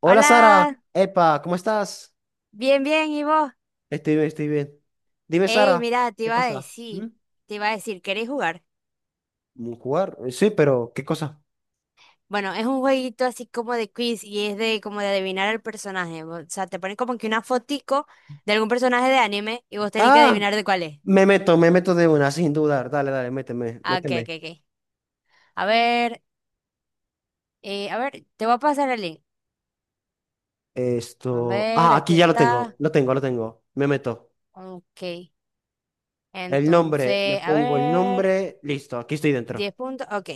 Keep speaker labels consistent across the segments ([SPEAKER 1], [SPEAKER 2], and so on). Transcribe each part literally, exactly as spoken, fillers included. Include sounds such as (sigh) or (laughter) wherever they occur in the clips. [SPEAKER 1] Hola, Sara,
[SPEAKER 2] Hola,
[SPEAKER 1] epa, ¿cómo estás?
[SPEAKER 2] bien, bien, ¿y vos?
[SPEAKER 1] Estoy bien, estoy bien. Dime,
[SPEAKER 2] Ey,
[SPEAKER 1] Sara,
[SPEAKER 2] mira, te
[SPEAKER 1] ¿qué
[SPEAKER 2] iba a
[SPEAKER 1] pasa? ¿Mm?
[SPEAKER 2] decir, te iba a decir, ¿querés jugar?
[SPEAKER 1] ¿Mm, ¿jugar? Eh, Sí, pero ¿qué cosa?
[SPEAKER 2] Bueno, es un jueguito así como de quiz y es de como de adivinar el personaje. O sea, te ponen como que una fotico de algún personaje de anime y vos tenés que
[SPEAKER 1] Ah,
[SPEAKER 2] adivinar de cuál es.
[SPEAKER 1] me meto, me meto de una, sin dudar. Dale, dale, méteme,
[SPEAKER 2] Ah, ok, ok,
[SPEAKER 1] méteme.
[SPEAKER 2] ok. A ver, eh, a ver, te voy a pasar el link. A
[SPEAKER 1] Esto,
[SPEAKER 2] ver,
[SPEAKER 1] ah,
[SPEAKER 2] aquí
[SPEAKER 1] aquí ya lo tengo,
[SPEAKER 2] está.
[SPEAKER 1] lo tengo, lo tengo. Me meto.
[SPEAKER 2] Ok.
[SPEAKER 1] El nombre, me
[SPEAKER 2] Entonces, a
[SPEAKER 1] pongo el
[SPEAKER 2] ver,
[SPEAKER 1] nombre, listo, aquí estoy dentro.
[SPEAKER 2] diez puntos. Ok,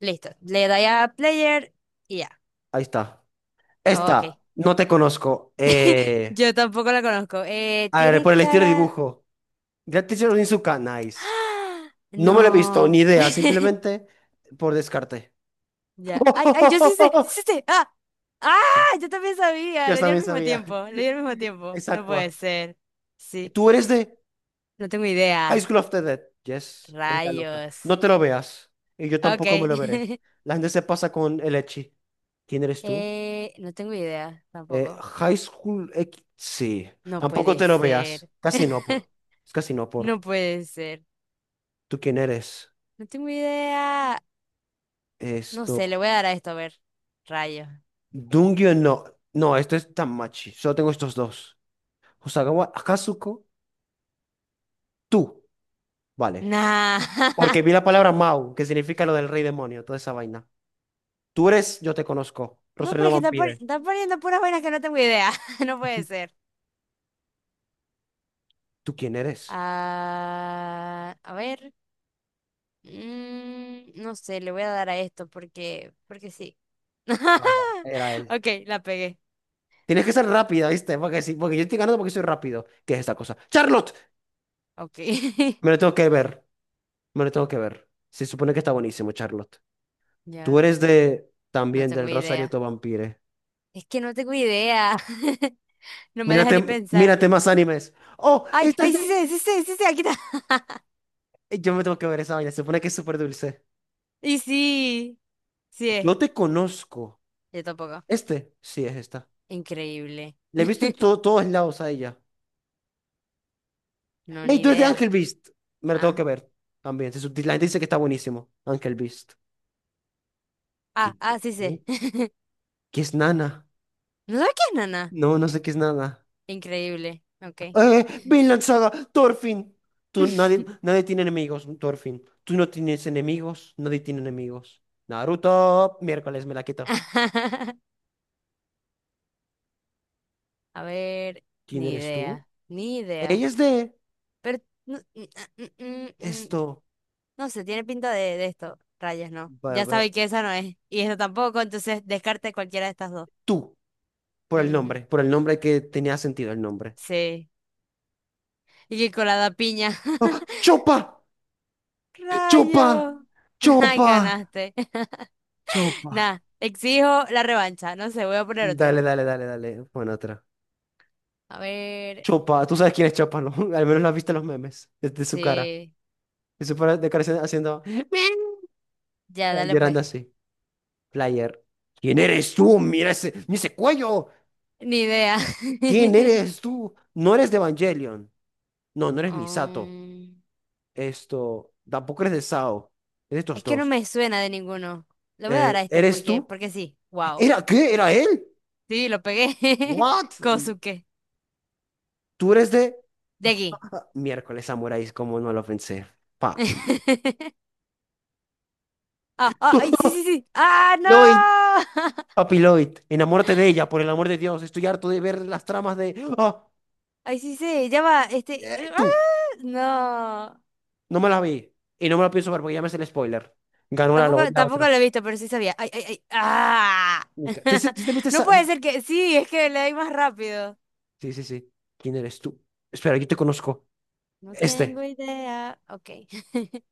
[SPEAKER 2] listo. Le doy a player y ya.
[SPEAKER 1] Ahí está.
[SPEAKER 2] Ok.
[SPEAKER 1] Esta, no te conozco. Eh,
[SPEAKER 2] Yo tampoco la conozco. Eh,
[SPEAKER 1] a ver,
[SPEAKER 2] tiene
[SPEAKER 1] por el estilo de
[SPEAKER 2] cara.
[SPEAKER 1] dibujo. Gratis Onizuka, nice.
[SPEAKER 2] ¡Ah!
[SPEAKER 1] No me lo he visto, ni
[SPEAKER 2] No.
[SPEAKER 1] idea, simplemente por descarte.
[SPEAKER 2] Ya. Ay, ay, yo sí sé,
[SPEAKER 1] (laughs)
[SPEAKER 2] sí sé. Ah, ah,
[SPEAKER 1] Sí,
[SPEAKER 2] yo también sabía.
[SPEAKER 1] yo
[SPEAKER 2] Le di al
[SPEAKER 1] también
[SPEAKER 2] mismo
[SPEAKER 1] sabía.
[SPEAKER 2] tiempo. Le di al mismo tiempo.
[SPEAKER 1] Es
[SPEAKER 2] No puede
[SPEAKER 1] Aqua.
[SPEAKER 2] ser. Sí.
[SPEAKER 1] Tú eres de
[SPEAKER 2] No tengo
[SPEAKER 1] High
[SPEAKER 2] idea.
[SPEAKER 1] School of the Dead. Yes, es la loca.
[SPEAKER 2] Rayos.
[SPEAKER 1] No te lo veas. Y yo
[SPEAKER 2] Ok.
[SPEAKER 1] tampoco me lo veré.
[SPEAKER 2] (laughs)
[SPEAKER 1] La gente se pasa con el Echi. ¿Quién eres tú?
[SPEAKER 2] Eh, no tengo idea
[SPEAKER 1] Eh,
[SPEAKER 2] tampoco.
[SPEAKER 1] High School X. Sí.
[SPEAKER 2] No
[SPEAKER 1] Tampoco
[SPEAKER 2] puede
[SPEAKER 1] te lo veas.
[SPEAKER 2] ser.
[SPEAKER 1] Casi no
[SPEAKER 2] (laughs)
[SPEAKER 1] por. Es casi no
[SPEAKER 2] No
[SPEAKER 1] por.
[SPEAKER 2] puede ser.
[SPEAKER 1] ¿Tú quién eres?
[SPEAKER 2] No tengo idea. No sé, le
[SPEAKER 1] Esto.
[SPEAKER 2] voy a dar a esto a ver. Rayos.
[SPEAKER 1] Dungyo no. No, esto es Tamachi. Solo tengo estos dos. Hosagawa Akazuko. Tú. Vale.
[SPEAKER 2] Nah.
[SPEAKER 1] Porque
[SPEAKER 2] (laughs)
[SPEAKER 1] vi la palabra Mau, que significa lo del rey demonio, toda esa vaina. Tú eres, yo te conozco.
[SPEAKER 2] No, pero
[SPEAKER 1] Rosalino
[SPEAKER 2] es que están, pon-
[SPEAKER 1] Vampire.
[SPEAKER 2] están poniendo puras vainas que no tengo idea. (laughs) No puede ser.
[SPEAKER 1] ¿Tú quién eres?
[SPEAKER 2] Ah, a ver. Mm, no sé, le voy a dar a esto porque, porque sí.
[SPEAKER 1] Vaya,
[SPEAKER 2] (laughs)
[SPEAKER 1] era él.
[SPEAKER 2] Ok, la pegué.
[SPEAKER 1] Tienes que ser rápida, ¿viste? Porque, sí, porque yo estoy ganando porque soy rápido. ¿Qué es esta cosa? ¡Charlotte!
[SPEAKER 2] Ok.
[SPEAKER 1] Me lo
[SPEAKER 2] (laughs)
[SPEAKER 1] tengo que ver. Me lo tengo que ver. Se supone que está buenísimo, Charlotte. Tú
[SPEAKER 2] Ya,
[SPEAKER 1] eres de...
[SPEAKER 2] no
[SPEAKER 1] También
[SPEAKER 2] tengo
[SPEAKER 1] del Rosario
[SPEAKER 2] idea.
[SPEAKER 1] to Vampire.
[SPEAKER 2] Es que no tengo idea. (laughs) No me deja ni
[SPEAKER 1] Mírate,
[SPEAKER 2] pensar.
[SPEAKER 1] mírate más animes. ¡Oh!
[SPEAKER 2] Ay,
[SPEAKER 1] Esta es
[SPEAKER 2] ay,
[SPEAKER 1] de...
[SPEAKER 2] sí sé, sí sé, sí sé, aquí está.
[SPEAKER 1] Yo me tengo que ver esa vaina. Se supone que es súper dulce.
[SPEAKER 2] (laughs) Y sí, sí es.
[SPEAKER 1] Yo te conozco.
[SPEAKER 2] Yo tampoco.
[SPEAKER 1] ¿Este? Sí, es esta.
[SPEAKER 2] Increíble.
[SPEAKER 1] Le he visto en to- todos lados a ella.
[SPEAKER 2] No,
[SPEAKER 1] Hey,
[SPEAKER 2] ni
[SPEAKER 1] tú eres de
[SPEAKER 2] idea.
[SPEAKER 1] Angel Beast. Me lo tengo que
[SPEAKER 2] Ah,
[SPEAKER 1] ver también. Se subti- La gente dice que está buenísimo. Angel Beast.
[SPEAKER 2] ah,
[SPEAKER 1] ¿Qué?
[SPEAKER 2] ah, sí sé. (laughs)
[SPEAKER 1] ¿Qué es Nana?
[SPEAKER 2] ¿No sabes qué es, nana?
[SPEAKER 1] No, no sé qué es Nana.
[SPEAKER 2] Increíble. Ok.
[SPEAKER 1] ¡Eh! Vinland Saga, Thorfinn. Tú, nadie,
[SPEAKER 2] (laughs)
[SPEAKER 1] nadie tiene enemigos, Thorfinn. Tú no tienes enemigos, nadie tiene enemigos. Naruto, miércoles me la quito.
[SPEAKER 2] A ver,
[SPEAKER 1] ¿Quién
[SPEAKER 2] ni
[SPEAKER 1] eres tú?
[SPEAKER 2] idea, ni idea.
[SPEAKER 1] Ella es de
[SPEAKER 2] Pero no, mm, ah, mm, mm, mm,
[SPEAKER 1] esto.
[SPEAKER 2] no sé, tiene pinta de, de esto. Rayas, no.
[SPEAKER 1] Bla,
[SPEAKER 2] Ya
[SPEAKER 1] bla.
[SPEAKER 2] sabe que esa no es. Y esta tampoco, entonces descarte cualquiera de estas dos.
[SPEAKER 1] Tú, por el
[SPEAKER 2] Ujú,
[SPEAKER 1] nombre, por el nombre que tenía sentido el nombre.
[SPEAKER 2] sí. Y que colada piña.
[SPEAKER 1] ¡Ah!
[SPEAKER 2] (laughs)
[SPEAKER 1] ¡Chopa! ¡Chopa!
[SPEAKER 2] Rayo. (laughs) Ay,
[SPEAKER 1] ¡Chopa!
[SPEAKER 2] ganaste. (laughs)
[SPEAKER 1] ¡Chopa!
[SPEAKER 2] Nada, exijo la revancha. No sé, voy a poner otro.
[SPEAKER 1] Dale, dale, dale, dale. Bueno, otra.
[SPEAKER 2] A ver,
[SPEAKER 1] Chopa, tú sabes quién es Chopa, ¿no? (laughs) Al menos lo has visto en los memes, desde su cara.
[SPEAKER 2] sí.
[SPEAKER 1] De su cara de cara haciendo, (laughs) haciendo
[SPEAKER 2] Ya,
[SPEAKER 1] eh,
[SPEAKER 2] dale
[SPEAKER 1] llorando
[SPEAKER 2] pues.
[SPEAKER 1] así. Player. ¿Quién eres tú? Mira ese, mira ese cuello.
[SPEAKER 2] Ni idea.
[SPEAKER 1] ¿Quién eres
[SPEAKER 2] (laughs)
[SPEAKER 1] tú? No eres de Evangelion. No, no eres Misato.
[SPEAKER 2] Mm,
[SPEAKER 1] Esto, tampoco eres de Sao. Es de estos
[SPEAKER 2] es que no
[SPEAKER 1] dos.
[SPEAKER 2] me suena de ninguno. Le voy a dar
[SPEAKER 1] Eh,
[SPEAKER 2] a este
[SPEAKER 1] ¿eres
[SPEAKER 2] porque,
[SPEAKER 1] tú?
[SPEAKER 2] porque sí. Wow.
[SPEAKER 1] ¿Era qué? ¿Era él?
[SPEAKER 2] Sí, lo pegué. (laughs)
[SPEAKER 1] ¿What?
[SPEAKER 2] Kosuke.
[SPEAKER 1] ¿Tú eres de...?
[SPEAKER 2] De aquí.
[SPEAKER 1] (laughs) Miércoles, samuráis, como no lo pensé. Pa.
[SPEAKER 2] (laughs) Ah, ah, ay, sí, sí, sí. ¡Ah,
[SPEAKER 1] ¡No!
[SPEAKER 2] no! (laughs)
[SPEAKER 1] Papi Lloyd, enamórate de ella, por el amor de Dios. Estoy harto de ver las tramas de. ¡Ah!
[SPEAKER 2] Ay, sí, sí. Ya va. Este.
[SPEAKER 1] Eh, tú,
[SPEAKER 2] ¡Ah! No.
[SPEAKER 1] no me la vi. Y no me la pienso ver porque ya me hace el spoiler. Ganó la, lo-
[SPEAKER 2] Tampoco,
[SPEAKER 1] la
[SPEAKER 2] tampoco
[SPEAKER 1] otra.
[SPEAKER 2] lo he visto, pero sí sabía. Ay, ay, ay. ¡Ah!
[SPEAKER 1] Mi ca- ¿Te, te-
[SPEAKER 2] (laughs)
[SPEAKER 1] te viste
[SPEAKER 2] No
[SPEAKER 1] esa-
[SPEAKER 2] puede ser que. Sí, es que le doy más rápido.
[SPEAKER 1] Sí, sí, sí. ¿Quién eres tú? Espera, yo te conozco.
[SPEAKER 2] No tengo
[SPEAKER 1] Este.
[SPEAKER 2] idea. Ok. (laughs)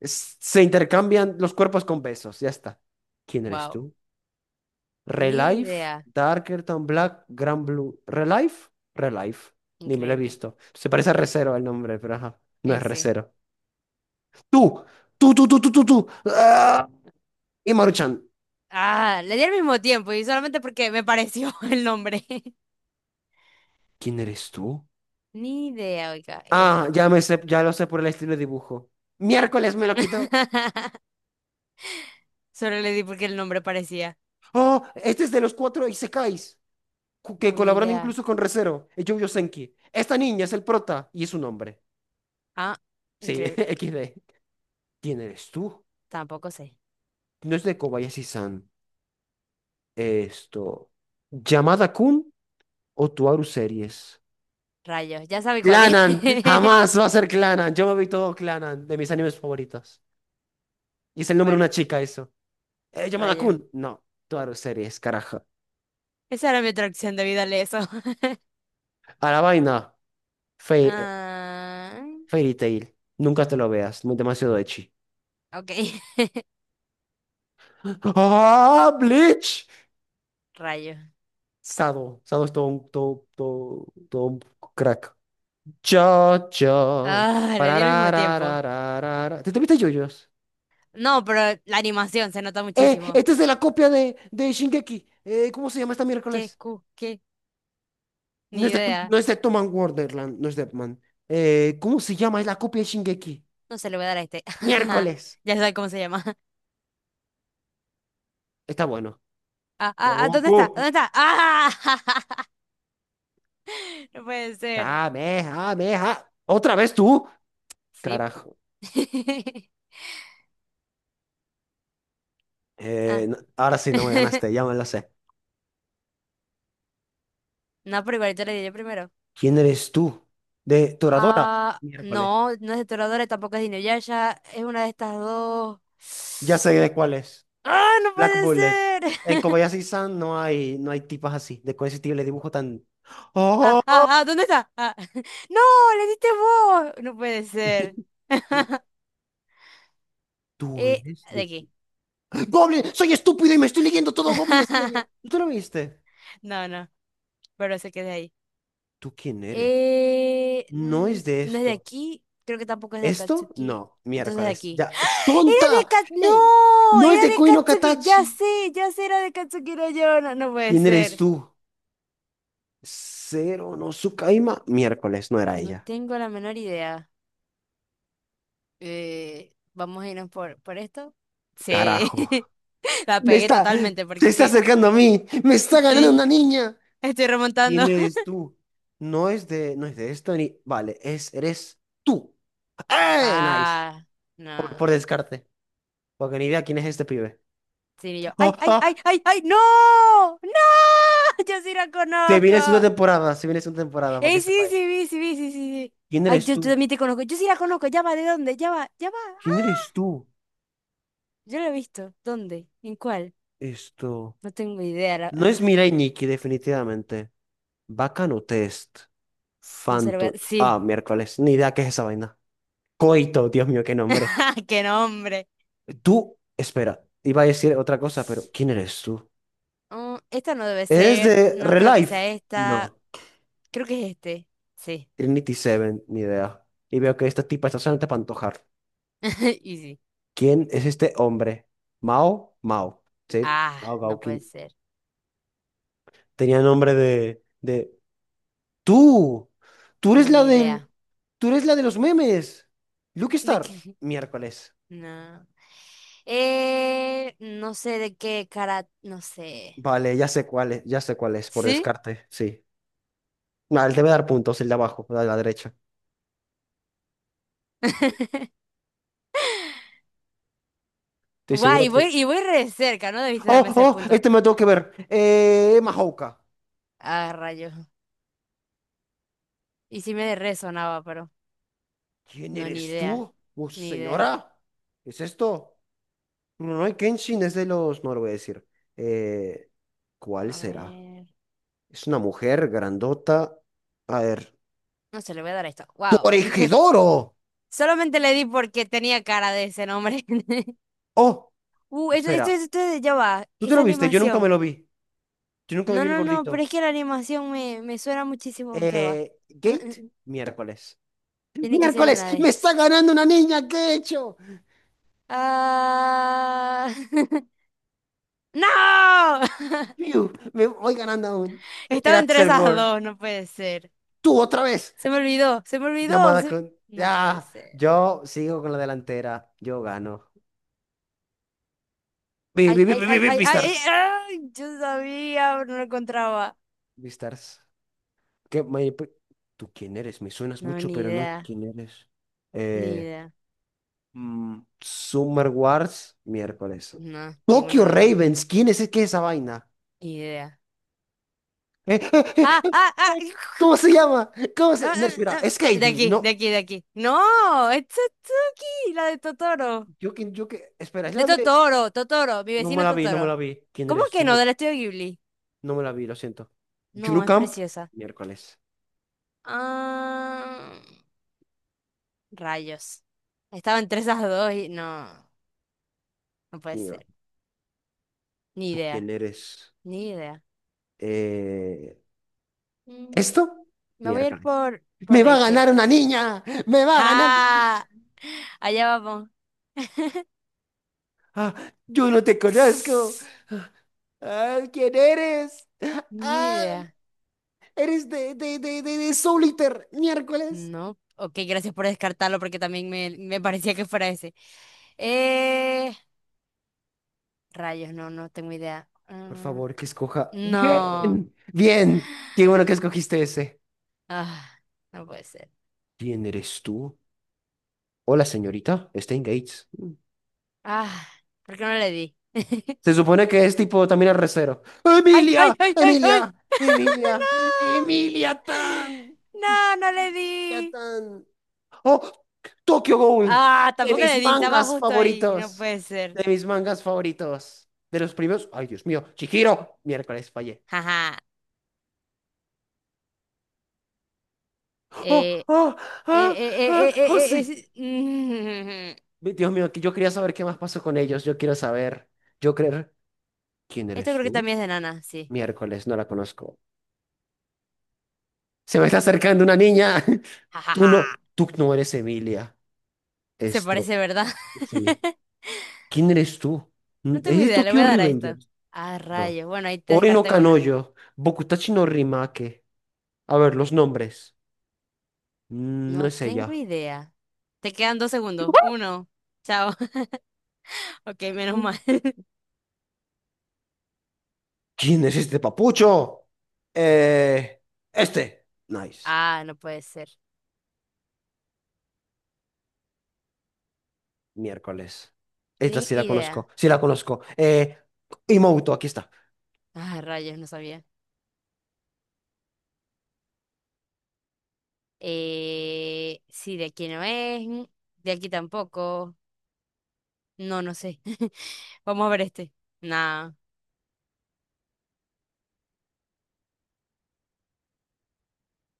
[SPEAKER 1] Es- se intercambian los cuerpos con besos. Ya está. ¿Quién eres
[SPEAKER 2] Wow.
[SPEAKER 1] tú?
[SPEAKER 2] Ni
[SPEAKER 1] Relife,
[SPEAKER 2] idea.
[SPEAKER 1] Darker Than Black, Grand Blue. ¿Relife? Relife. Ni me lo he
[SPEAKER 2] Increíble.
[SPEAKER 1] visto. Se parece a Recero el nombre, pero ajá. No es
[SPEAKER 2] Ese.
[SPEAKER 1] Recero. Tú, tú, tú, tú, tú, tú, tú. ¡Ah! Y Maruchan,
[SPEAKER 2] Ah, le di al mismo tiempo y solamente porque me pareció (laughs) el nombre.
[SPEAKER 1] ¿quién eres tú?
[SPEAKER 2] Ni idea, oiga,
[SPEAKER 1] Ah, ya me
[SPEAKER 2] este.
[SPEAKER 1] sé, ya lo sé por el estilo de dibujo. Miércoles me lo quito.
[SPEAKER 2] (laughs) Solo le di porque el nombre parecía
[SPEAKER 1] Oh, este es de los cuatro Isekais, cu- que
[SPEAKER 2] una
[SPEAKER 1] colaboran
[SPEAKER 2] idea.
[SPEAKER 1] incluso con Recero, y Yu-Yu Senki. Esta niña es el prota y es un hombre.
[SPEAKER 2] Ah,
[SPEAKER 1] Sí, (laughs)
[SPEAKER 2] increíble.
[SPEAKER 1] X D. ¿Quién eres tú?
[SPEAKER 2] Tampoco sé.
[SPEAKER 1] No es de Kobayashi-san. Esto. ¿Yamada Kun o Tuaru Series?
[SPEAKER 2] Rayos, ya sabe cuál es.
[SPEAKER 1] Clanan,
[SPEAKER 2] (laughs)
[SPEAKER 1] jamás va a ser Clanan. Yo me vi todo Clanan, de mis animes favoritos. Y es el nombre de una
[SPEAKER 2] Bueno,
[SPEAKER 1] chica, eso. Eh, ¿Yamada
[SPEAKER 2] rayos.
[SPEAKER 1] Kun? No. Tuaru Series, carajo.
[SPEAKER 2] Esa era mi atracción de a eso. (laughs)
[SPEAKER 1] A la vaina, Fe- eh,
[SPEAKER 2] Ah,
[SPEAKER 1] Fairy Tail. Nunca te lo veas, muy demasiado ecchi.
[SPEAKER 2] ok, (laughs)
[SPEAKER 1] (gasps) ¡Ah, Bleach!
[SPEAKER 2] rayos.
[SPEAKER 1] Sado, Sado es todo un, todo, todo, todo un crack. Yo, yo.
[SPEAKER 2] Ah, le di al mismo tiempo.
[SPEAKER 1] Pararararararara. ¿Te tuviste yoyos?
[SPEAKER 2] No, pero la animación se nota
[SPEAKER 1] ¡Eh!
[SPEAKER 2] muchísimo.
[SPEAKER 1] Esta es de la copia de, de Shingeki. Eh, ¿cómo se llama esta
[SPEAKER 2] ¿Qué?
[SPEAKER 1] miércoles?
[SPEAKER 2] Cu- ¿Qué?
[SPEAKER 1] No
[SPEAKER 2] Ni
[SPEAKER 1] es de,
[SPEAKER 2] idea.
[SPEAKER 1] no es de Tom and Wonderland, no es de Man. Eh, ¿cómo se llama? Es la copia de Shingeki.
[SPEAKER 2] No se le voy a dar a este. (laughs)
[SPEAKER 1] Miércoles.
[SPEAKER 2] Ya sabe cómo se llama.
[SPEAKER 1] Está bueno.
[SPEAKER 2] Ah, ah, ah, ¿dónde está?
[SPEAKER 1] Goku.
[SPEAKER 2] ¿Dónde está? ¡Ah! (laughs) No puede ser.
[SPEAKER 1] Kamehameha. ¿Otra vez tú?
[SPEAKER 2] Sí.
[SPEAKER 1] Carajo.
[SPEAKER 2] (laughs)
[SPEAKER 1] Eh,
[SPEAKER 2] Ah.
[SPEAKER 1] no- ahora sí no me
[SPEAKER 2] (laughs)
[SPEAKER 1] ganaste, ya me la sé.
[SPEAKER 2] No, pero igual yo le di yo primero.
[SPEAKER 1] ¿Quién eres tú? De Toradora.
[SPEAKER 2] Ah,
[SPEAKER 1] Miércoles.
[SPEAKER 2] no, no es de Toradora, tampoco es de Inuyasha. Es una de estas dos.
[SPEAKER 1] Ya sé
[SPEAKER 2] (gasps)
[SPEAKER 1] de cuál es.
[SPEAKER 2] ¡Ah, no
[SPEAKER 1] Black
[SPEAKER 2] puede
[SPEAKER 1] Bullet.
[SPEAKER 2] ser!
[SPEAKER 1] En
[SPEAKER 2] (laughs)
[SPEAKER 1] Kobayashi-san no hay, no hay tipas así, de con ese tipo de dibujo tan.
[SPEAKER 2] Ah,
[SPEAKER 1] ¡Oh!
[SPEAKER 2] ah, ah, ¿dónde está? Ah. (laughs) ¡No, le diste vos! No puede ser.
[SPEAKER 1] (laughs)
[SPEAKER 2] (laughs)
[SPEAKER 1] ¿Tú
[SPEAKER 2] Eh,
[SPEAKER 1] eres
[SPEAKER 2] de
[SPEAKER 1] de
[SPEAKER 2] aquí.
[SPEAKER 1] quién? ¡Goblin! ¡Soy estúpido y me estoy leyendo todo Goblin Slayer!
[SPEAKER 2] (laughs)
[SPEAKER 1] ¿Tú lo viste?
[SPEAKER 2] No, no, pero se queda ahí.
[SPEAKER 1] ¿Tú quién eres?
[SPEAKER 2] Eh,
[SPEAKER 1] No
[SPEAKER 2] mm,
[SPEAKER 1] es de
[SPEAKER 2] no es de
[SPEAKER 1] esto.
[SPEAKER 2] aquí, creo que tampoco es de
[SPEAKER 1] ¿Esto?
[SPEAKER 2] Akatsuki.
[SPEAKER 1] No,
[SPEAKER 2] Entonces de
[SPEAKER 1] miércoles.
[SPEAKER 2] aquí.
[SPEAKER 1] Ya.
[SPEAKER 2] ¡Ah! ¡Era de
[SPEAKER 1] ¡Tonta!
[SPEAKER 2] Akatsuki!
[SPEAKER 1] ¡Ey!
[SPEAKER 2] ¡No!
[SPEAKER 1] ¡No es
[SPEAKER 2] Era
[SPEAKER 1] de
[SPEAKER 2] de
[SPEAKER 1] Koino
[SPEAKER 2] Akatsuki. Ya
[SPEAKER 1] Katachi!
[SPEAKER 2] sé, ya sé, era de Akatsuki no yo. No, no puede
[SPEAKER 1] ¿Quién eres
[SPEAKER 2] ser.
[SPEAKER 1] tú? Cero no Tsukaima, miércoles, no era
[SPEAKER 2] No
[SPEAKER 1] ella.
[SPEAKER 2] tengo la menor idea. Eh, vamos a irnos por, por esto. Sí.
[SPEAKER 1] Carajo.
[SPEAKER 2] (laughs) La
[SPEAKER 1] Me
[SPEAKER 2] pegué
[SPEAKER 1] está,
[SPEAKER 2] totalmente
[SPEAKER 1] se
[SPEAKER 2] porque es
[SPEAKER 1] está
[SPEAKER 2] que.
[SPEAKER 1] acercando a mí. Me está ganando
[SPEAKER 2] Sí,
[SPEAKER 1] una niña.
[SPEAKER 2] estoy remontando.
[SPEAKER 1] ¿Quién eres
[SPEAKER 2] (laughs)
[SPEAKER 1] tú? No es de, no es de esto ni. Vale, es, eres tú. ¡Eh! Nice.
[SPEAKER 2] Ah,
[SPEAKER 1] Por,
[SPEAKER 2] no.
[SPEAKER 1] por descarte. Porque ni idea quién es este pibe.
[SPEAKER 2] Sí, y yo.
[SPEAKER 1] ¡Ah,
[SPEAKER 2] ¡Ay, ay, ay,
[SPEAKER 1] ah!
[SPEAKER 2] ay, ay! ¡No! ¡No! (laughs) Yo sí la
[SPEAKER 1] Se
[SPEAKER 2] conozco.
[SPEAKER 1] viene una temporada, se viene una temporada, para que
[SPEAKER 2] Ey, sí,
[SPEAKER 1] sepáis.
[SPEAKER 2] sí, vi, sí, vi, sí, sí, sí.
[SPEAKER 1] ¿Quién
[SPEAKER 2] Ay,
[SPEAKER 1] eres
[SPEAKER 2] yo, yo
[SPEAKER 1] tú?
[SPEAKER 2] también te conozco. Yo sí la conozco. Ya va, ¿de dónde? Ya va, ya va.
[SPEAKER 1] ¿Quién
[SPEAKER 2] Ah,
[SPEAKER 1] eres tú?
[SPEAKER 2] yo la he visto. ¿Dónde? ¿En cuál?
[SPEAKER 1] Esto.
[SPEAKER 2] No tengo idea. La-
[SPEAKER 1] No es
[SPEAKER 2] ah,
[SPEAKER 1] Mirai Nikki, definitivamente. Bacano test.
[SPEAKER 2] no se lo voy a...
[SPEAKER 1] Phantom.
[SPEAKER 2] Sí.
[SPEAKER 1] Ah, miércoles. Ni idea qué es esa vaina. Coito, Dios mío, qué nombre.
[SPEAKER 2] (laughs) ¡Qué nombre!
[SPEAKER 1] Tú, espera, iba a decir otra cosa, pero ¿quién eres tú?
[SPEAKER 2] Mm, esta no debe
[SPEAKER 1] ¿Eres
[SPEAKER 2] ser.
[SPEAKER 1] de
[SPEAKER 2] No creo que
[SPEAKER 1] Relife?
[SPEAKER 2] sea esta.
[SPEAKER 1] No.
[SPEAKER 2] Creo que es este. Sí.
[SPEAKER 1] Trinity Seven, ni idea. Y veo que esta tipa está solamente para antojar.
[SPEAKER 2] (laughs) Y sí.
[SPEAKER 1] ¿Quién es este hombre? Mao, Mao. Sí,
[SPEAKER 2] Ah,
[SPEAKER 1] Mao
[SPEAKER 2] no puede
[SPEAKER 1] Gaukin.
[SPEAKER 2] ser.
[SPEAKER 1] Tenía nombre de, de... ¡Tú! ¡Tú eres
[SPEAKER 2] No,
[SPEAKER 1] la
[SPEAKER 2] ni
[SPEAKER 1] del...
[SPEAKER 2] idea.
[SPEAKER 1] ¡Tú eres la de los memes! Lucky
[SPEAKER 2] ¿De qué?
[SPEAKER 1] Star.
[SPEAKER 2] (laughs)
[SPEAKER 1] Miércoles.
[SPEAKER 2] No. Eh, no sé de qué cara... No sé.
[SPEAKER 1] Vale, ya sé cuál es, ya sé cuál es, por
[SPEAKER 2] ¿Sí?
[SPEAKER 1] descarte, sí. No, él debe dar puntos, el de abajo, el de la derecha.
[SPEAKER 2] (laughs)
[SPEAKER 1] Estoy
[SPEAKER 2] Guay, y
[SPEAKER 1] seguro
[SPEAKER 2] voy,
[SPEAKER 1] que.
[SPEAKER 2] y voy re cerca, no debiste
[SPEAKER 1] ¡Oh,
[SPEAKER 2] darme ese
[SPEAKER 1] oh!
[SPEAKER 2] punto.
[SPEAKER 1] Este me lo tengo que ver. Eh, Mahouka.
[SPEAKER 2] Ah, rayos. Y sí me resonaba, pero
[SPEAKER 1] ¿Quién
[SPEAKER 2] no, ni
[SPEAKER 1] eres
[SPEAKER 2] idea.
[SPEAKER 1] tú? Oh,
[SPEAKER 2] Ni idea.
[SPEAKER 1] señora. ¿Qué es esto? Rurouni Kenshin es de los. No lo voy a decir. Eh, ¿cuál
[SPEAKER 2] A
[SPEAKER 1] será?
[SPEAKER 2] ver.
[SPEAKER 1] Es una mujer grandota. A ver.
[SPEAKER 2] No se le voy a dar a esto. Wow.
[SPEAKER 1] ¡Toregidoro!
[SPEAKER 2] Solamente le di porque tenía cara de ese nombre. (laughs)
[SPEAKER 1] Oh,
[SPEAKER 2] Uh, esto, esto,
[SPEAKER 1] espera.
[SPEAKER 2] esto, ya va.
[SPEAKER 1] ¿Tú te
[SPEAKER 2] Esa
[SPEAKER 1] lo viste? Yo nunca me
[SPEAKER 2] animación.
[SPEAKER 1] lo vi. Yo nunca me
[SPEAKER 2] No,
[SPEAKER 1] vi el
[SPEAKER 2] no, no, pero
[SPEAKER 1] gordito.
[SPEAKER 2] es que la animación me, me suena muchísimo. Ya va.
[SPEAKER 1] Eh,
[SPEAKER 2] Mm,
[SPEAKER 1] Gate,
[SPEAKER 2] mm,
[SPEAKER 1] miércoles.
[SPEAKER 2] Tiene que ser
[SPEAKER 1] ¡Miércoles!
[SPEAKER 2] una de
[SPEAKER 1] ¡Me
[SPEAKER 2] estas.
[SPEAKER 1] está ganando una niña! ¿Qué he hecho?
[SPEAKER 2] Ah... (laughs) ¡No!
[SPEAKER 1] Piu, me voy ganando aún.
[SPEAKER 2] (laughs)
[SPEAKER 1] Era
[SPEAKER 2] Estaba entre
[SPEAKER 1] Axel
[SPEAKER 2] esas
[SPEAKER 1] World.
[SPEAKER 2] dos, no puede ser.
[SPEAKER 1] Tú otra vez.
[SPEAKER 2] Se me olvidó, se me olvidó.
[SPEAKER 1] Llamada
[SPEAKER 2] Se-
[SPEAKER 1] con.
[SPEAKER 2] No puede
[SPEAKER 1] Ya.
[SPEAKER 2] ser.
[SPEAKER 1] Yo sigo con la delantera. Yo gano. Vi,
[SPEAKER 2] Ay,
[SPEAKER 1] vi, vi,
[SPEAKER 2] ay,
[SPEAKER 1] vi, vi,
[SPEAKER 2] ay,
[SPEAKER 1] vi,
[SPEAKER 2] ay, ay, ay,
[SPEAKER 1] Beastars.
[SPEAKER 2] ay, yo sabía, pero no lo encontraba.
[SPEAKER 1] Beastars. ¿Qué, me- pe- ¿Tú quién eres? Me suenas
[SPEAKER 2] No,
[SPEAKER 1] mucho,
[SPEAKER 2] ni
[SPEAKER 1] pero no
[SPEAKER 2] idea,
[SPEAKER 1] quién eres.
[SPEAKER 2] ni
[SPEAKER 1] Eh,
[SPEAKER 2] idea.
[SPEAKER 1] mm, Summer Wars, miércoles.
[SPEAKER 2] No, ninguno
[SPEAKER 1] Tokyo
[SPEAKER 2] de los dos.
[SPEAKER 1] Ravens. ¿Quién es, qué es esa vaina?
[SPEAKER 2] Ni idea.
[SPEAKER 1] Eh, eh, eh,
[SPEAKER 2] Ah,
[SPEAKER 1] eh,
[SPEAKER 2] ah, ah.
[SPEAKER 1] eh, ¿Cómo se
[SPEAKER 2] (laughs)
[SPEAKER 1] llama? ¿Cómo
[SPEAKER 2] Ah,
[SPEAKER 1] se...? No, espera.
[SPEAKER 2] ah,
[SPEAKER 1] Es
[SPEAKER 2] ah. De
[SPEAKER 1] Katie.
[SPEAKER 2] aquí, de
[SPEAKER 1] No.
[SPEAKER 2] aquí, de aquí. No, es Tsutsuki, la de Totoro.
[SPEAKER 1] Yo que, yo que... Espera, es
[SPEAKER 2] De
[SPEAKER 1] la de...
[SPEAKER 2] Totoro, Totoro, mi
[SPEAKER 1] No me
[SPEAKER 2] vecino
[SPEAKER 1] la vi, no me la
[SPEAKER 2] Totoro.
[SPEAKER 1] vi. ¿Quién
[SPEAKER 2] ¿Cómo
[SPEAKER 1] eres
[SPEAKER 2] que
[SPEAKER 1] tú?
[SPEAKER 2] no? Del estudio Ghibli.
[SPEAKER 1] No me la vi, lo siento.
[SPEAKER 2] No, es
[SPEAKER 1] Camp,
[SPEAKER 2] preciosa.
[SPEAKER 1] miércoles.
[SPEAKER 2] Ah, rayos. Estaba entre esas dos y no, no puede
[SPEAKER 1] Mío,
[SPEAKER 2] ser. Ni
[SPEAKER 1] ¿tú quién
[SPEAKER 2] idea,
[SPEAKER 1] eres?
[SPEAKER 2] ni idea.
[SPEAKER 1] Eh,
[SPEAKER 2] Mm.
[SPEAKER 1] ¿esto?
[SPEAKER 2] Me voy a ir
[SPEAKER 1] Miércoles.
[SPEAKER 2] por, por
[SPEAKER 1] ¡Me va a
[SPEAKER 2] Rachel.
[SPEAKER 1] ganar una niña! ¡Me va a ganar una niña!
[SPEAKER 2] ¡Ja! Allá vamos. (laughs)
[SPEAKER 1] Ah, yo no te conozco. Ah, ah, ¿quién eres?
[SPEAKER 2] Ni
[SPEAKER 1] ¡Ay!
[SPEAKER 2] idea.
[SPEAKER 1] Eres de, de, de, de, de Soul Eater, miércoles.
[SPEAKER 2] No. Ok, gracias por descartarlo porque también me, me parecía que fuera ese. Eh, rayos, no, no tengo idea.
[SPEAKER 1] Por
[SPEAKER 2] Mm,
[SPEAKER 1] favor, que escoja.
[SPEAKER 2] no.
[SPEAKER 1] Bien, bien. Qué bueno que escogiste ese.
[SPEAKER 2] Ah, no puede ser.
[SPEAKER 1] ¿Quién eres tú? Hola, señorita. Stain Gates.
[SPEAKER 2] Ah, ¿por qué no le di?
[SPEAKER 1] Se supone que es tipo también el recero.
[SPEAKER 2] ¡Ay, ay,
[SPEAKER 1] ¡Emilia!
[SPEAKER 2] ay, ay, ay!
[SPEAKER 1] ¡Emilia!
[SPEAKER 2] (laughs)
[SPEAKER 1] ¡Emilia! ¡Emilia Tan!
[SPEAKER 2] ¡No! No, no le
[SPEAKER 1] ¡Emilia
[SPEAKER 2] di.
[SPEAKER 1] Tan! ¡Oh! ¡Tokyo Ghoul!
[SPEAKER 2] Ah,
[SPEAKER 1] De
[SPEAKER 2] tampoco
[SPEAKER 1] mis
[SPEAKER 2] le di, estaba
[SPEAKER 1] mangas
[SPEAKER 2] justo ahí, no
[SPEAKER 1] favoritos.
[SPEAKER 2] puede ser.
[SPEAKER 1] De mis mangas favoritos. De los primeros. ¡Ay, Dios mío! ¡Chihiro! Miércoles, fallé.
[SPEAKER 2] Jaja.
[SPEAKER 1] ¡Oh!
[SPEAKER 2] Eh,
[SPEAKER 1] ¡Oh!
[SPEAKER 2] eh,
[SPEAKER 1] ¡Ah!
[SPEAKER 2] eh, eh,
[SPEAKER 1] ¡Ah!
[SPEAKER 2] eh,
[SPEAKER 1] ¡Oh,
[SPEAKER 2] eh, eh,
[SPEAKER 1] sí!
[SPEAKER 2] es- (laughs) Mm.
[SPEAKER 1] Dios mío, que yo quería saber qué más pasó con ellos. Yo quiero saber. Yo creer. ¿Quién
[SPEAKER 2] Esto
[SPEAKER 1] eres
[SPEAKER 2] creo que
[SPEAKER 1] tú?
[SPEAKER 2] también es de Nana, sí.
[SPEAKER 1] Miércoles, no la conozco. Se me está acercando una niña. (laughs) Tú
[SPEAKER 2] Jajaja.
[SPEAKER 1] no, tú no eres Emilia.
[SPEAKER 2] Se
[SPEAKER 1] Esto,
[SPEAKER 2] parece, ¿verdad?
[SPEAKER 1] sí.
[SPEAKER 2] (laughs)
[SPEAKER 1] ¿Quién eres tú? Mm,
[SPEAKER 2] No
[SPEAKER 1] es
[SPEAKER 2] tengo
[SPEAKER 1] ¿Eres
[SPEAKER 2] idea, le voy
[SPEAKER 1] Tokyo
[SPEAKER 2] a dar a esto.
[SPEAKER 1] Revengers?
[SPEAKER 2] Ah,
[SPEAKER 1] No.
[SPEAKER 2] rayos. Bueno, ahí te
[SPEAKER 1] Ori no
[SPEAKER 2] descarté una.
[SPEAKER 1] Kanojo, Bokutachi no Rimake. A ver, los nombres. Mm, no
[SPEAKER 2] No
[SPEAKER 1] es
[SPEAKER 2] tengo
[SPEAKER 1] ella.
[SPEAKER 2] idea. Te quedan dos segundos. Uno. Chao. (laughs) Ok, menos
[SPEAKER 1] Mm.
[SPEAKER 2] mal.
[SPEAKER 1] ¿Quién es este papucho? Eh, este. Nice.
[SPEAKER 2] Ah, no puede ser.
[SPEAKER 1] Miércoles. Esta
[SPEAKER 2] Ni
[SPEAKER 1] sí la
[SPEAKER 2] idea.
[SPEAKER 1] conozco. Sí la conozco. Eh, Imouto, aquí está.
[SPEAKER 2] Ah, rayos, no sabía. Eh, sí, de aquí no es. De aquí tampoco. No, no sé. (laughs) Vamos a ver este. Nah.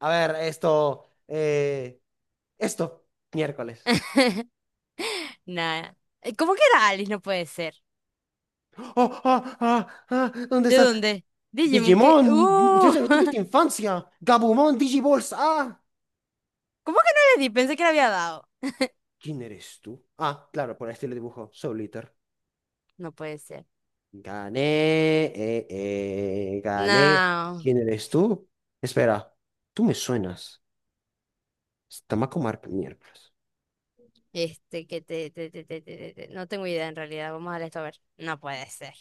[SPEAKER 1] A ver, esto. eh, esto. Miércoles.
[SPEAKER 2] (laughs) Nada. Eh, ¿Cómo que era Alice? No puede ser.
[SPEAKER 1] ¡Ah, ah, ah, ah! ¿Dónde
[SPEAKER 2] ¿De
[SPEAKER 1] está
[SPEAKER 2] dónde? Digimon, ¿qué?
[SPEAKER 1] Digimon,
[SPEAKER 2] ¡Uh!
[SPEAKER 1] muchacha, no
[SPEAKER 2] (laughs) ¿Cómo
[SPEAKER 1] tuviste infancia. Gabumon, Digiballs, ah.
[SPEAKER 2] que no le di? Pensé que le había dado.
[SPEAKER 1] ¿Quién eres tú? Ah, claro, por este le dibujo. Soul Eater.
[SPEAKER 2] No puede ser.
[SPEAKER 1] Gané, eh, eh, gané.
[SPEAKER 2] No.
[SPEAKER 1] ¿Quién eres tú? Espera, tú me suenas. Tamako Mark, miércoles.
[SPEAKER 2] Este, que te, te, te, te, te, te- te- no tengo idea en realidad. Vamos a darle esto a ver. No puede ser.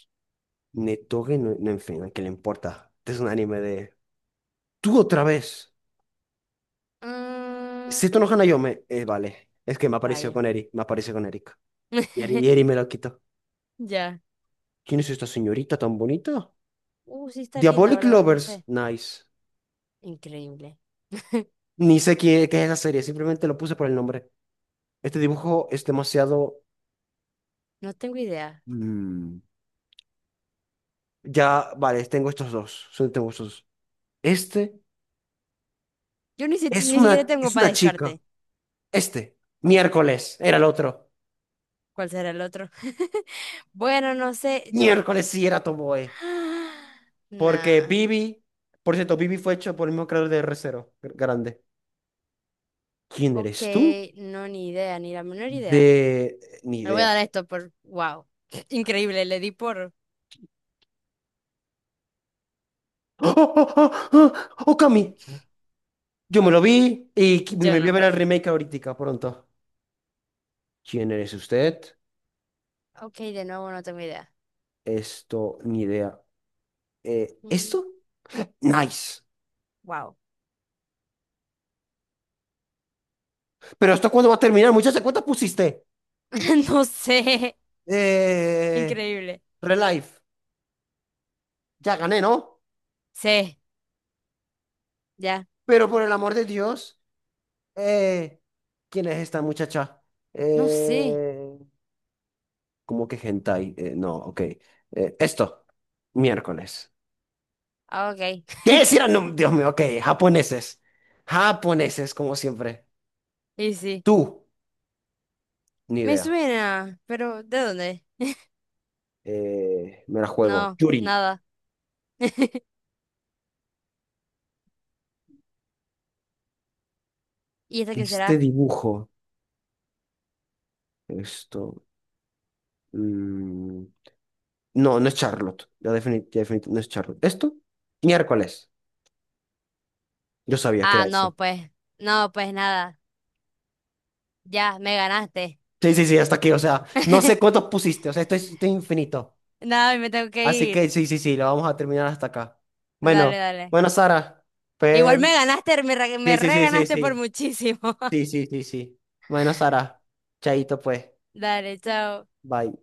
[SPEAKER 1] Netoge, no, no, en fin, ¿qué le importa? Este es un anime de... ¡Tú otra vez!
[SPEAKER 2] Mm,
[SPEAKER 1] Seto no Hanayome. Eh, vale, es que me apareció
[SPEAKER 2] rayo.
[SPEAKER 1] con Eri, me apareció con Erika. Y Eri, y
[SPEAKER 2] (laughs)
[SPEAKER 1] Eri me lo quitó.
[SPEAKER 2] Ya.
[SPEAKER 1] ¿Quién es esta señorita tan bonita?
[SPEAKER 2] Uh, sí está linda,
[SPEAKER 1] Diabolic
[SPEAKER 2] ¿verdad? No
[SPEAKER 1] Lovers.
[SPEAKER 2] sé.
[SPEAKER 1] Nice.
[SPEAKER 2] Increíble. (laughs)
[SPEAKER 1] Ni sé qué, qué es la serie, simplemente lo puse por el nombre. Este dibujo es demasiado...
[SPEAKER 2] No tengo idea.
[SPEAKER 1] mm, ya, vale, tengo estos dos. Solo tengo estos dos. Este
[SPEAKER 2] Yo ni, si-
[SPEAKER 1] es
[SPEAKER 2] ni siquiera
[SPEAKER 1] una,
[SPEAKER 2] tengo
[SPEAKER 1] es
[SPEAKER 2] para
[SPEAKER 1] una chica.
[SPEAKER 2] descarte.
[SPEAKER 1] Este. Miércoles era el otro.
[SPEAKER 2] ¿Cuál será el otro? (laughs) Bueno, no sé, yo...
[SPEAKER 1] Miércoles sí era Tomoe.
[SPEAKER 2] (gasps)
[SPEAKER 1] Porque
[SPEAKER 2] Nah,
[SPEAKER 1] Bibi... Por cierto, Bibi fue hecho por el mismo creador de R cero. Grande. ¿Quién
[SPEAKER 2] ok,
[SPEAKER 1] eres tú?
[SPEAKER 2] no, ni idea, ni la menor idea.
[SPEAKER 1] De... Ni
[SPEAKER 2] Le voy a
[SPEAKER 1] idea.
[SPEAKER 2] dar a esto por... Wow, (laughs) increíble, le di por...
[SPEAKER 1] ¡Oh, oh, oh, oh! Oh, Okami! Yo me lo
[SPEAKER 2] Ok,
[SPEAKER 1] vi y qui-
[SPEAKER 2] yo
[SPEAKER 1] me voy a
[SPEAKER 2] no.
[SPEAKER 1] ver el remake ahorita, pronto. ¿Quién eres usted?
[SPEAKER 2] Ok, de nuevo no tengo idea.
[SPEAKER 1] Esto, ni idea. Eh,
[SPEAKER 2] Mm.
[SPEAKER 1] ¿esto? Nice.
[SPEAKER 2] Wow,
[SPEAKER 1] Pero ¿esto cuándo va a terminar, muchacha? ¿Cuántas pusiste?
[SPEAKER 2] (laughs) no sé,
[SPEAKER 1] Eh,
[SPEAKER 2] increíble.
[SPEAKER 1] Relife. Ya gané, ¿no?
[SPEAKER 2] Sí, ya,
[SPEAKER 1] Pero por el amor de Dios, eh, ¿quién es esta muchacha?
[SPEAKER 2] no sé.
[SPEAKER 1] Eh, ¿cómo que hentai? Eh, no, ok. Eh, esto, miércoles.
[SPEAKER 2] Ah, ok,
[SPEAKER 1] ¿Qué
[SPEAKER 2] (laughs)
[SPEAKER 1] decir? Dios mío, ok, japoneses. Japoneses, como siempre.
[SPEAKER 2] y sí,
[SPEAKER 1] Tú. Ni
[SPEAKER 2] me
[SPEAKER 1] idea.
[SPEAKER 2] suena, pero ¿de dónde?
[SPEAKER 1] Eh, me la juego.
[SPEAKER 2] No,
[SPEAKER 1] Yuri.
[SPEAKER 2] nada. (laughs) ¿Y esta quién
[SPEAKER 1] Este
[SPEAKER 2] será?
[SPEAKER 1] dibujo. Esto. Mm, no, no es Charlotte. Ya defini- ya definitivamente no es Charlotte. ¿Esto? Miércoles. Yo sabía que
[SPEAKER 2] Ah,
[SPEAKER 1] era ese.
[SPEAKER 2] no, pues, no, pues nada, ya, me ganaste.
[SPEAKER 1] Sí, sí, sí, hasta aquí. O sea, no sé
[SPEAKER 2] (laughs)
[SPEAKER 1] cuántos pusiste. O sea, esto es, esto es infinito.
[SPEAKER 2] Nada, me tengo que
[SPEAKER 1] Así que
[SPEAKER 2] ir.
[SPEAKER 1] sí, sí, sí, lo vamos a terminar hasta acá.
[SPEAKER 2] Dale,
[SPEAKER 1] Bueno,
[SPEAKER 2] dale.
[SPEAKER 1] bueno, Sara.
[SPEAKER 2] Igual
[SPEAKER 1] Pues,
[SPEAKER 2] me ganaste, me re, me
[SPEAKER 1] sí, sí, sí, sí,
[SPEAKER 2] reganaste por
[SPEAKER 1] sí.
[SPEAKER 2] muchísimo.
[SPEAKER 1] Sí,
[SPEAKER 2] (laughs)
[SPEAKER 1] sí, sí, sí. Bueno, Sara. Chaito, pues.
[SPEAKER 2] Dale, chao.
[SPEAKER 1] Bye.